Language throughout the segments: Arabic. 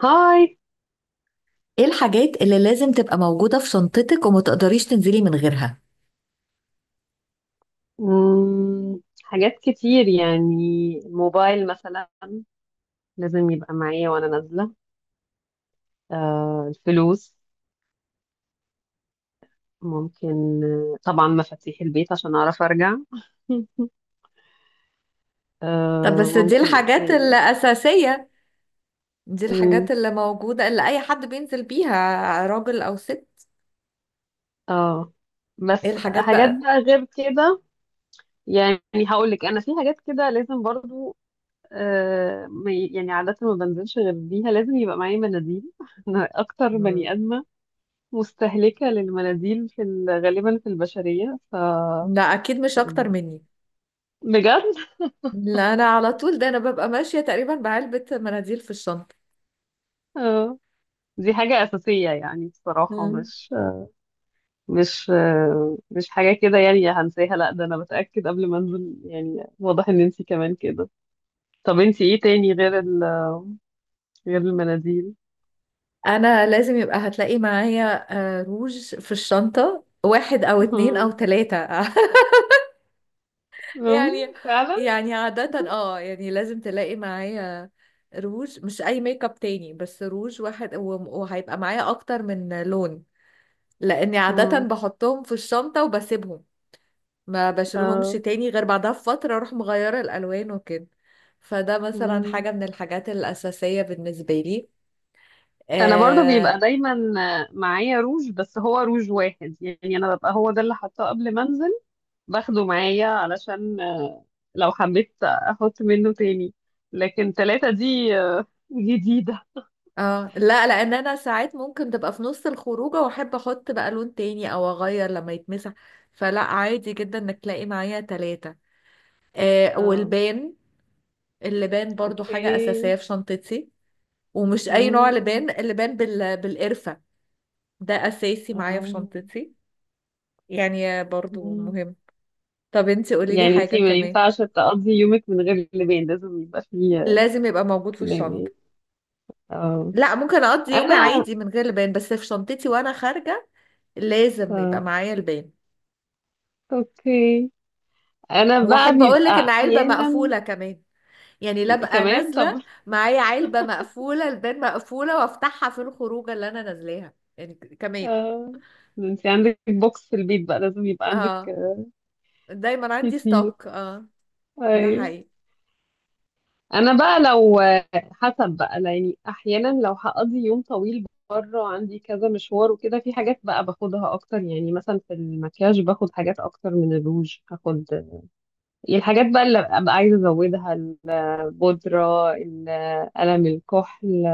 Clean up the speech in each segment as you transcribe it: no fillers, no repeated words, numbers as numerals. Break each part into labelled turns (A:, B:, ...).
A: هاي.
B: ايه الحاجات اللي لازم تبقى موجودة في شنطتك وما تقدريش تنزلي من غيرها؟
A: مم. حاجات كتير يعني. موبايل مثلا لازم يبقى معايا وانا نازلة. آه الفلوس ممكن، طبعا مفاتيح البيت عشان اعرف ارجع.
B: طب
A: آه
B: بس دي
A: ممكن، ايه
B: الحاجات
A: تاني؟
B: الأساسية. دي
A: مم.
B: الحاجات اللي موجودة اللي أي حد بينزل بيها راجل أو ست.
A: اه.
B: ايه
A: بس
B: الحاجات
A: حاجات
B: بقى؟
A: بقى غير كده. يعني هقول لك انا في حاجات كده لازم برضو. يعني عادة ما بنزلش غير بيها، لازم يبقى معايا مناديل. انا اكتر
B: مم.
A: بني ادمة مستهلكة للمناديل في غالبا في البشرية ف.
B: لا أكيد مش أكتر مني.
A: بجد.
B: لا أنا على طول، ده أنا ببقى ماشية تقريبا بعلبة مناديل في الشنطة.
A: آه، دي حاجة أساسية يعني، بصراحة
B: مم.
A: مش حاجة كده يعني هنساها، لا، ده أنا بتأكد قبل ما أنزل. يعني واضح إن أنتي كمان كده. طب أنتي إيه تاني غير غير المناديل؟
B: أنا لازم يبقى هتلاقي معايا روج في الشنطة، واحد أو اتنين أو
A: مم.
B: تلاتة
A: مم.
B: يعني
A: فعلا.
B: يعني عادة لازم تلاقي معايا روج، مش اي ميك اب تاني، بس روج واحد وهيبقى معايا اكتر من لون، لاني عادة
A: مم.
B: بحطهم في الشنطة وبسيبهم، ما بشيلهمش
A: آه.
B: تاني غير بعدها بفترة اروح مغيرة الالوان وكده. فده مثلا
A: مم.
B: حاجة من الحاجات الاساسية بالنسبة لي.
A: انا برضو بيبقى
B: اه.
A: دايما معايا روج، بس هو روج واحد، يعني انا ببقى هو ده اللي حاطاه قبل ما انزل، باخده معايا علشان لو حبيت احط منه تاني. لكن تلاتة دي جديدة.
B: آه لا، لان انا ساعات ممكن تبقى في نص الخروجة واحب احط بقى لون تاني او اغير لما يتمسح، فلا عادي جدا انك تلاقي معايا تلاتة. آه،
A: اه،
B: والبان اللبان برضو
A: اوكي.
B: حاجة أساسية في شنطتي، ومش أي نوع
A: مم.
B: لبان، اللبان بالقرفة، ده أساسي معايا في
A: آه.
B: شنطتي، يعني برضو
A: مم.
B: مهم. طب انتي قوليلي
A: يعني
B: حاجة
A: انتي ما
B: كمان.
A: ينفعش تقضي يومك من غير لبان، لازم يبقى فيه
B: لازم يبقى موجود في
A: لبان.
B: الشنطة.
A: اه.
B: لا، ممكن أقضي يومي
A: انا.
B: عادي من غير لبان، بس في شنطتي وأنا خارجة لازم يبقى
A: اه،
B: معايا لبان.
A: اوكي. انا بقى
B: وأحب أقولك
A: بيبقى
B: إن علبة
A: احيانا.
B: مقفولة كمان، يعني لا بقى
A: كمان، طب،
B: نازلة معايا علبة مقفولة لبان مقفولة وأفتحها في الخروجة اللي أنا نازلاها، يعني كمان.
A: اه، انتي عندك بوكس في البيت بقى، لازم يبقى عندك
B: اه، دايما عندي
A: كتير.
B: ستوك. اه،
A: اي.
B: ده حقيقي.
A: انا بقى لو، حسب بقى يعني، احيانا لو هقضي يوم طويل بره، عندي كذا مشوار وكده، في حاجات بقى باخدها اكتر. يعني مثلا في المكياج باخد حاجات اكتر، من الروج هاخد يعني الحاجات بقى اللي ابقى عايزه ازودها، البودره، قلم الكحل.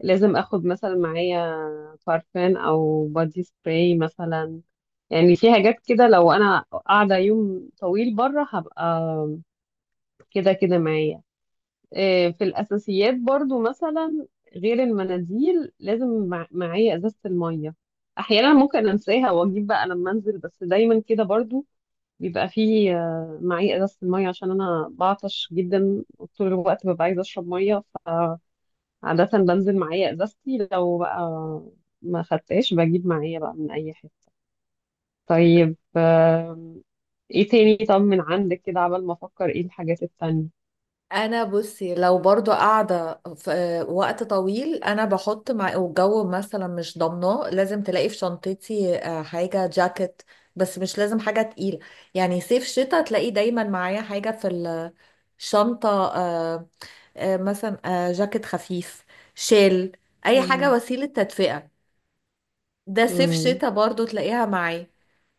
A: لازم اخد مثلا معايا بارفان او بادي سبراي مثلا. يعني في حاجات كده، لو انا قاعده يوم طويل بره هبقى كده كده معايا. في الأساسيات برضو مثلا غير المناديل، لازم معايا إزازة المية. أحيانا ممكن أنساها وأجيب بقى لما أنزل، بس دايما كده برضو بيبقى فيه، معايا إزازة المية عشان أنا بعطش جدا طول الوقت، ببقى عايزة أشرب مية، فعادة بنزل معايا إزازتي. لو بقى ما خدتهاش بجيب معايا بقى من أي حتة. طيب، إيه تاني؟ طب من عندك كده عبال ما أفكر إيه الحاجات التانية.
B: انا بصي لو برضو قاعده في وقت طويل، انا بحط مع، والجو مثلا مش ضامناه، لازم تلاقي في شنطتي حاجه جاكيت، بس مش لازم حاجه تقيله. يعني صيف شتاء تلاقي دايما معايا حاجه في الشنطه، آه، مثلا جاكيت خفيف، شال، اي حاجه
A: مم.
B: وسيله تدفئه. ده صيف
A: مم.
B: شتاء برضو تلاقيها معايا.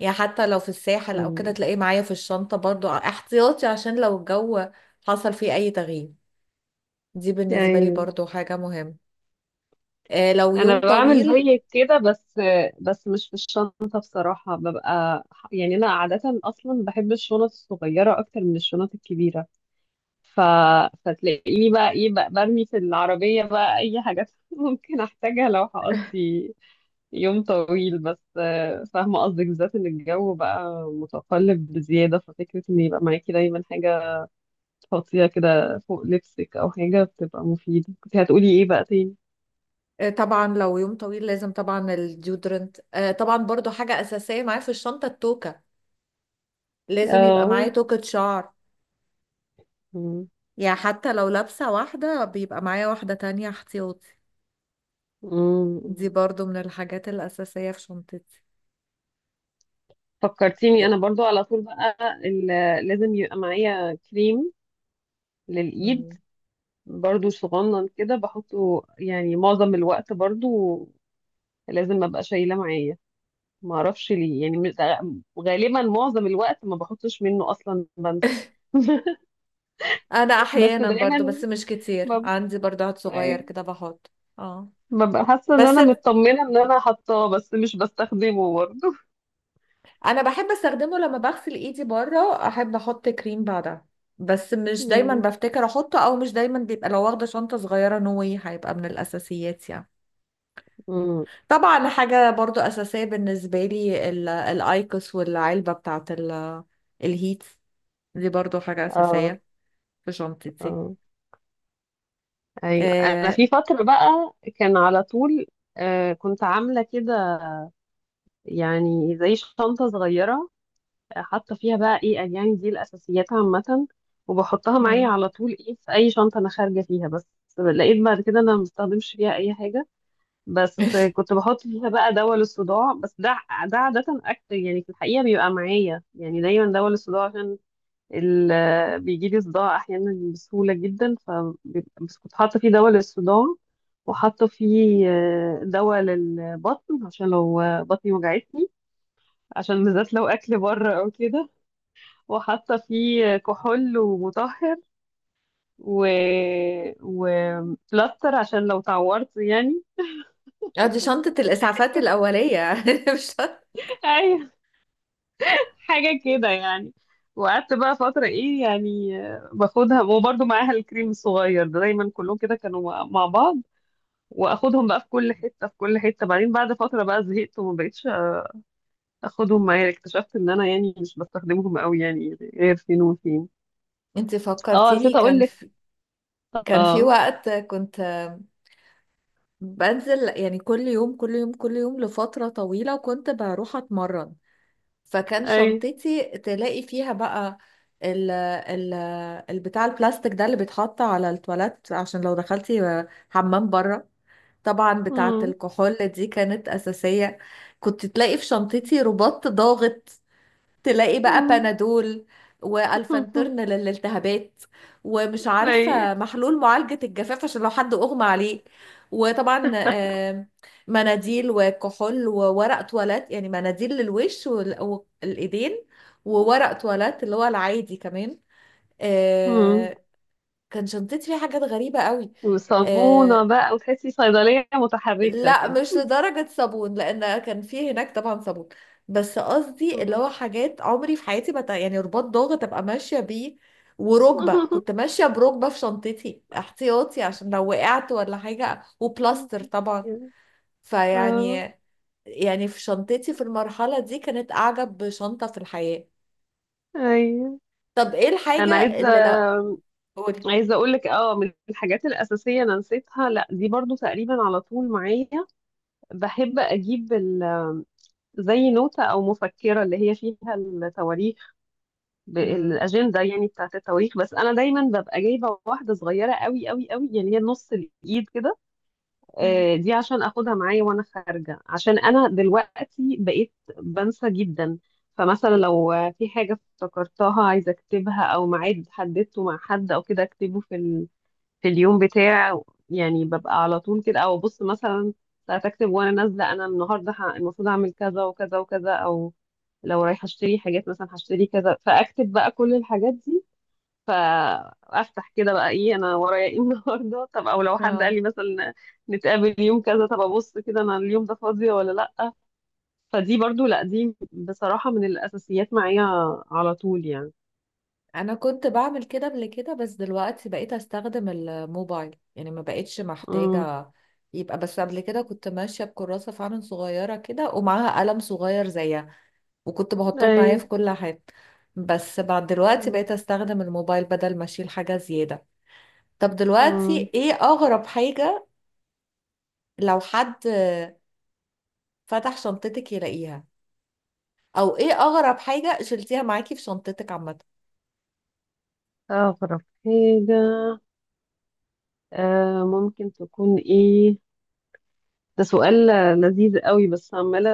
B: يعني حتى لو في الساحل او كده
A: مم.
B: تلاقيه معايا في الشنطة، برضو احتياطي عشان لو الجو حصل فيه اي تغيير. دي بالنسبة لي
A: أيوه.
B: برضو حاجة مهمة. آه لو
A: انا
B: يوم
A: بعمل
B: طويل.
A: زيك كده، بس مش في الشنطه بصراحه. ببقى يعني، انا عاده اصلا بحب الشنط الصغيره اكتر من الشنط الكبيره، ف... فتلاقيني بقى ايه بقى برمي في العربيه بقى اي حاجات ممكن احتاجها لو هقضي يوم طويل. بس فاهمه قصدك، بالذات ان الجو بقى متقلب بزياده، ففكره ان يبقى معاكي دايما حاجه تحطيها كده فوق لبسك او حاجه بتبقى مفيده. كنت هتقولي ايه بقى تاني؟
B: آه طبعا لو يوم طويل لازم طبعا الديودرنت، آه طبعا برضو حاجة اساسية معايا في الشنطة. التوكة لازم يبقى معايا
A: اه.
B: توكة شعر،
A: مم.
B: يعني حتى لو لابسة واحدة بيبقى معايا واحدة تانية احتياطي.
A: مم.
B: دي برضو من الحاجات الأساسية في شنطتي. آه،
A: فكرتيني، انا برضو على طول بقى ال- لازم يبقى معايا كريم للايد،
B: مم.
A: برضو صغنن كده بحطه يعني معظم الوقت، برضو لازم ابقى شايله معايا. ما اعرفش ليه يعني غالبا معظم الوقت ما بحطش منه اصلا، بنسى.
B: انا
A: بس
B: احيانا
A: دايما
B: برضو، بس مش كتير،
A: بب-
B: عندي برضو عاد صغير
A: أي-
B: كده بحط. اه،
A: ببقى حاسه ان
B: بس
A: انا مطمنه ان انا حاطاه، بس مش بستخدمه برضو.
B: انا بحب استخدمه لما بغسل ايدي بره، احب احط كريم بعدها، بس مش دايما
A: مم.
B: بفتكر احطه، او مش دايما بيبقى لو واخده شنطه صغيره نوي، هيبقى من الاساسيات يعني.
A: مم.
B: طبعا حاجه برضو اساسيه بالنسبه لي الايكوس والعلبه بتاعت الهيت، دي برضو حاجه
A: اه،
B: اساسيه في شنطتي.
A: اه، ايوه. انا
B: آه.
A: في فتره بقى كان على طول، كنت عامله كده، يعني زي شنطه صغيره، حاطه فيها بقى ايه يعني دي الاساسيات عامه، وبحطها معايا
B: مم.
A: على طول، ايه، في اي شنطه انا خارجه فيها. بس لقيت بعد كده انا ما بستخدمش فيها اي حاجه. بس كنت بحط فيها بقى دواء للصداع بس. ده ده عاده اكتر يعني، في الحقيقه بيبقى معايا يعني دايما دواء للصداع، عشان بيجي لي صداع احيانا بسهوله جدا، بس كنت حاطه فيه دواء للصداع، وحاطه فيه دواء للبطن عشان لو بطني وجعتني، عشان بالذات لو اكل بره او كده. وحاطه فيه كحول ومطهر و وبلاستر عشان لو تعورت يعني.
B: اه، دي شنطة الإسعافات الأولية مش؟
A: ايوه، حاجه كده يعني. وقعدت بقى فترة، ايه يعني، باخدها، وبرضه معاها الكريم الصغير ده دايما، كلهم كده كانوا مع بعض، واخدهم بقى في كل حته، في كل حته. بعدين بعد فتره بقى زهقت وما بقتش اخدهم معايا، اكتشفت ان انا يعني مش بستخدمهم قوي، يعني غير فين وفين.
B: انت
A: اه،
B: فكرتيني
A: نسيت اقول
B: كان
A: لك.
B: في، كان في
A: اه.
B: وقت كنت بنزل يعني كل يوم كل يوم كل يوم لفترة طويلة، وكنت بروح اتمرن، فكان
A: اي.
B: شنطتي تلاقي فيها بقى ال البتاع البلاستيك ده اللي بيتحط على التواليت عشان لو دخلتي حمام بره. طبعا بتاعة
A: مم.
B: الكحول دي كانت أساسية. كنت تلاقي في شنطتي رباط ضاغط، تلاقي بقى
A: مم.
B: بنادول، والفانترن للالتهابات، ومش
A: اي.
B: عارفه محلول معالجه الجفاف عشان لو حد اغمى عليه. وطبعا مناديل وكحول وورق تواليت، يعني مناديل للوش والايدين، وورق تواليت اللي هو العادي كمان.
A: مم.
B: آه، كان شنطتي فيها حاجات غريبه قوي.
A: وصابونه
B: آه،
A: بقى، وتحسي صيدليه متحركه
B: لا
A: كده.
B: مش لدرجة صابون، لأن كان في هناك طبعا صابون، بس قصدي اللي
A: مم.
B: هو حاجات عمري في حياتي ما ت- يعني رباط ضغط أبقى ماشية بيه، وركبة كنت ماشية بركبة في شنطتي احتياطي عشان لو وقعت ولا حاجة، وبلاستر طبعا.
A: اه،
B: فيعني، يعني في شنطتي في المرحلة دي كانت أعجب شنطة في الحياة.
A: ايوه.
B: طب إيه الحاجة
A: انا عايزه
B: اللي لو، قولي.
A: عايزه اقول لك، اه، من الحاجات الاساسيه انا نسيتها، لا دي برضو تقريبا على طول معايا. بحب اجيب زي نوتة او مفكرة اللي هي فيها التواريخ،
B: مم.
A: الاجندة يعني بتاعت التواريخ، بس انا دايما ببقى جايبة واحدة صغيرة قوي قوي قوي، يعني هي نص الايد كده.
B: مم.
A: دي عشان اخدها معايا وانا خارجة، عشان انا دلوقتي بقيت بنسى جدا. فمثلا لو في حاجة افتكرتها عايزة اكتبها، او ميعاد حددته مع حد او كده، اكتبه في اليوم بتاع. يعني ببقى على طول كده، او ابص مثلا، ساعات اكتب وانا نازله، انا النهارده المفروض اعمل كذا وكذا وكذا، او لو رايحه اشتري حاجات مثلا هشتري كذا، فاكتب بقى كل الحاجات دي. فافتح كده بقى ايه انا ورايا ايه النهارده. طب او لو حد قال
B: اه،
A: لي مثلا نتقابل يوم كذا، طب ابص كده انا اليوم ده فاضيه ولا لا. فدي برضو، لا دي بصراحه من الاساسيات معايا على طول يعني.
B: انا كنت بعمل كده قبل كده، بس دلوقتي بقيت استخدم الموبايل، يعني ما بقتش
A: امم.
B: محتاجة. يبقى بس قبل كده كنت ماشية بكراسة فعلا صغيرة كده ومعاها قلم صغير زيها، وكنت بحطهم
A: اي.
B: معايا في كل حاجة. بس بعد دلوقتي بقيت استخدم الموبايل بدل ما اشيل حاجة زيادة. طب دلوقتي
A: امم.
B: ايه اغرب حاجة لو حد فتح شنطتك يلاقيها، او ايه اغرب حاجة شلتيها معاكي في شنطتك عامة؟
A: طب، حاجه، ممكن تكون ايه؟ ده سؤال لذيذ قوي، بس عمالة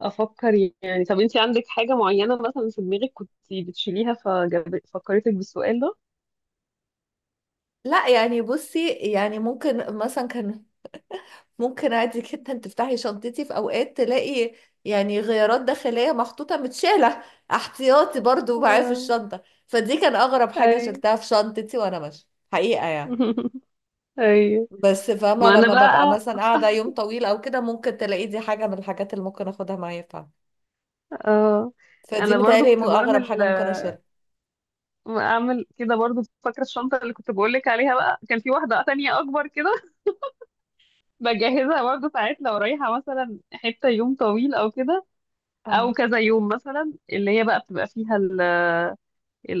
A: افكر. يعني طب انتي عندك حاجة معينة مثلا في دماغك كنت بتشيليها ففكرتك بالسؤال ده؟
B: لا يعني بصي، يعني ممكن مثلا كان، ممكن عادي جدا تفتحي شنطتي في اوقات تلاقي يعني غيارات داخلية محطوطة متشالة احتياطي برضو معايا في
A: آه.
B: الشنطة. فدي كان اغرب حاجة
A: اي.
B: شلتها في شنطتي وانا ماشية، حقيقة يعني.
A: اي.
B: بس فاهمة
A: ما انا
B: لما ببقى
A: بقى.
B: مثلا قاعدة يوم طويل او كده ممكن تلاقي دي حاجة من الحاجات اللي ممكن اخدها معايا فعلا.
A: آه
B: فدي
A: انا برضو
B: متهيألي
A: كنت
B: اغرب
A: بعمل
B: حاجة ممكن اشيلها.
A: اعمل كده برضو، فاكرة الشنطة اللي كنت بقولك عليها بقى، كان في واحدة تانية اكبر كده بجهزها برضو ساعات لو رايحة مثلا حتة يوم طويل او كده، او
B: اه،
A: كذا يوم مثلا، اللي هي بقى بتبقى فيها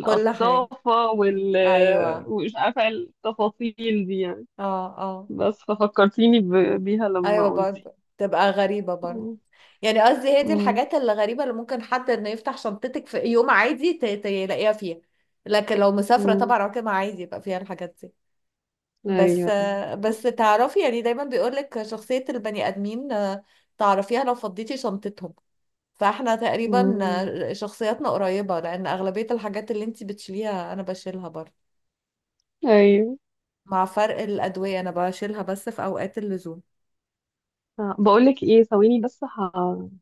B: كل حاجة، ايوه.
A: ومش عارفة إيه التفاصيل دي يعني.
B: اه اه.
A: بس ففكرتيني بيها لما
B: ايوه
A: قلتي.
B: برضه تبقى غريبة برضه،
A: مم.
B: يعني قصدي هي دي
A: مم.
B: الحاجات اللي غريبة اللي ممكن حد انه يفتح شنطتك في يوم عادي يلاقيها فيها. لكن لو مسافرة
A: مم.
B: طبعا عمرها عادي يبقى فيها الحاجات دي. بس.
A: أيوة.
B: بس تعرفي، يعني دايما بيقولك شخصية البني آدمين تعرفيها لو فضيتي شنطتهم. فاحنا تقريبا
A: مم.
B: شخصياتنا قريبة، لأن أغلبية الحاجات اللي انتي بتشيليها أنا بشيلها برضه،
A: أيوة.
B: مع فرق الأدوية أنا بشيلها بس في أوقات اللزوم.
A: بقولك ايه، ثواني بس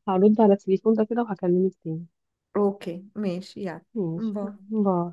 A: هرد على التليفون ده كده وهكلمك تاني.
B: اوكي ماشي يعني.
A: ماشي.
B: باي.
A: باي.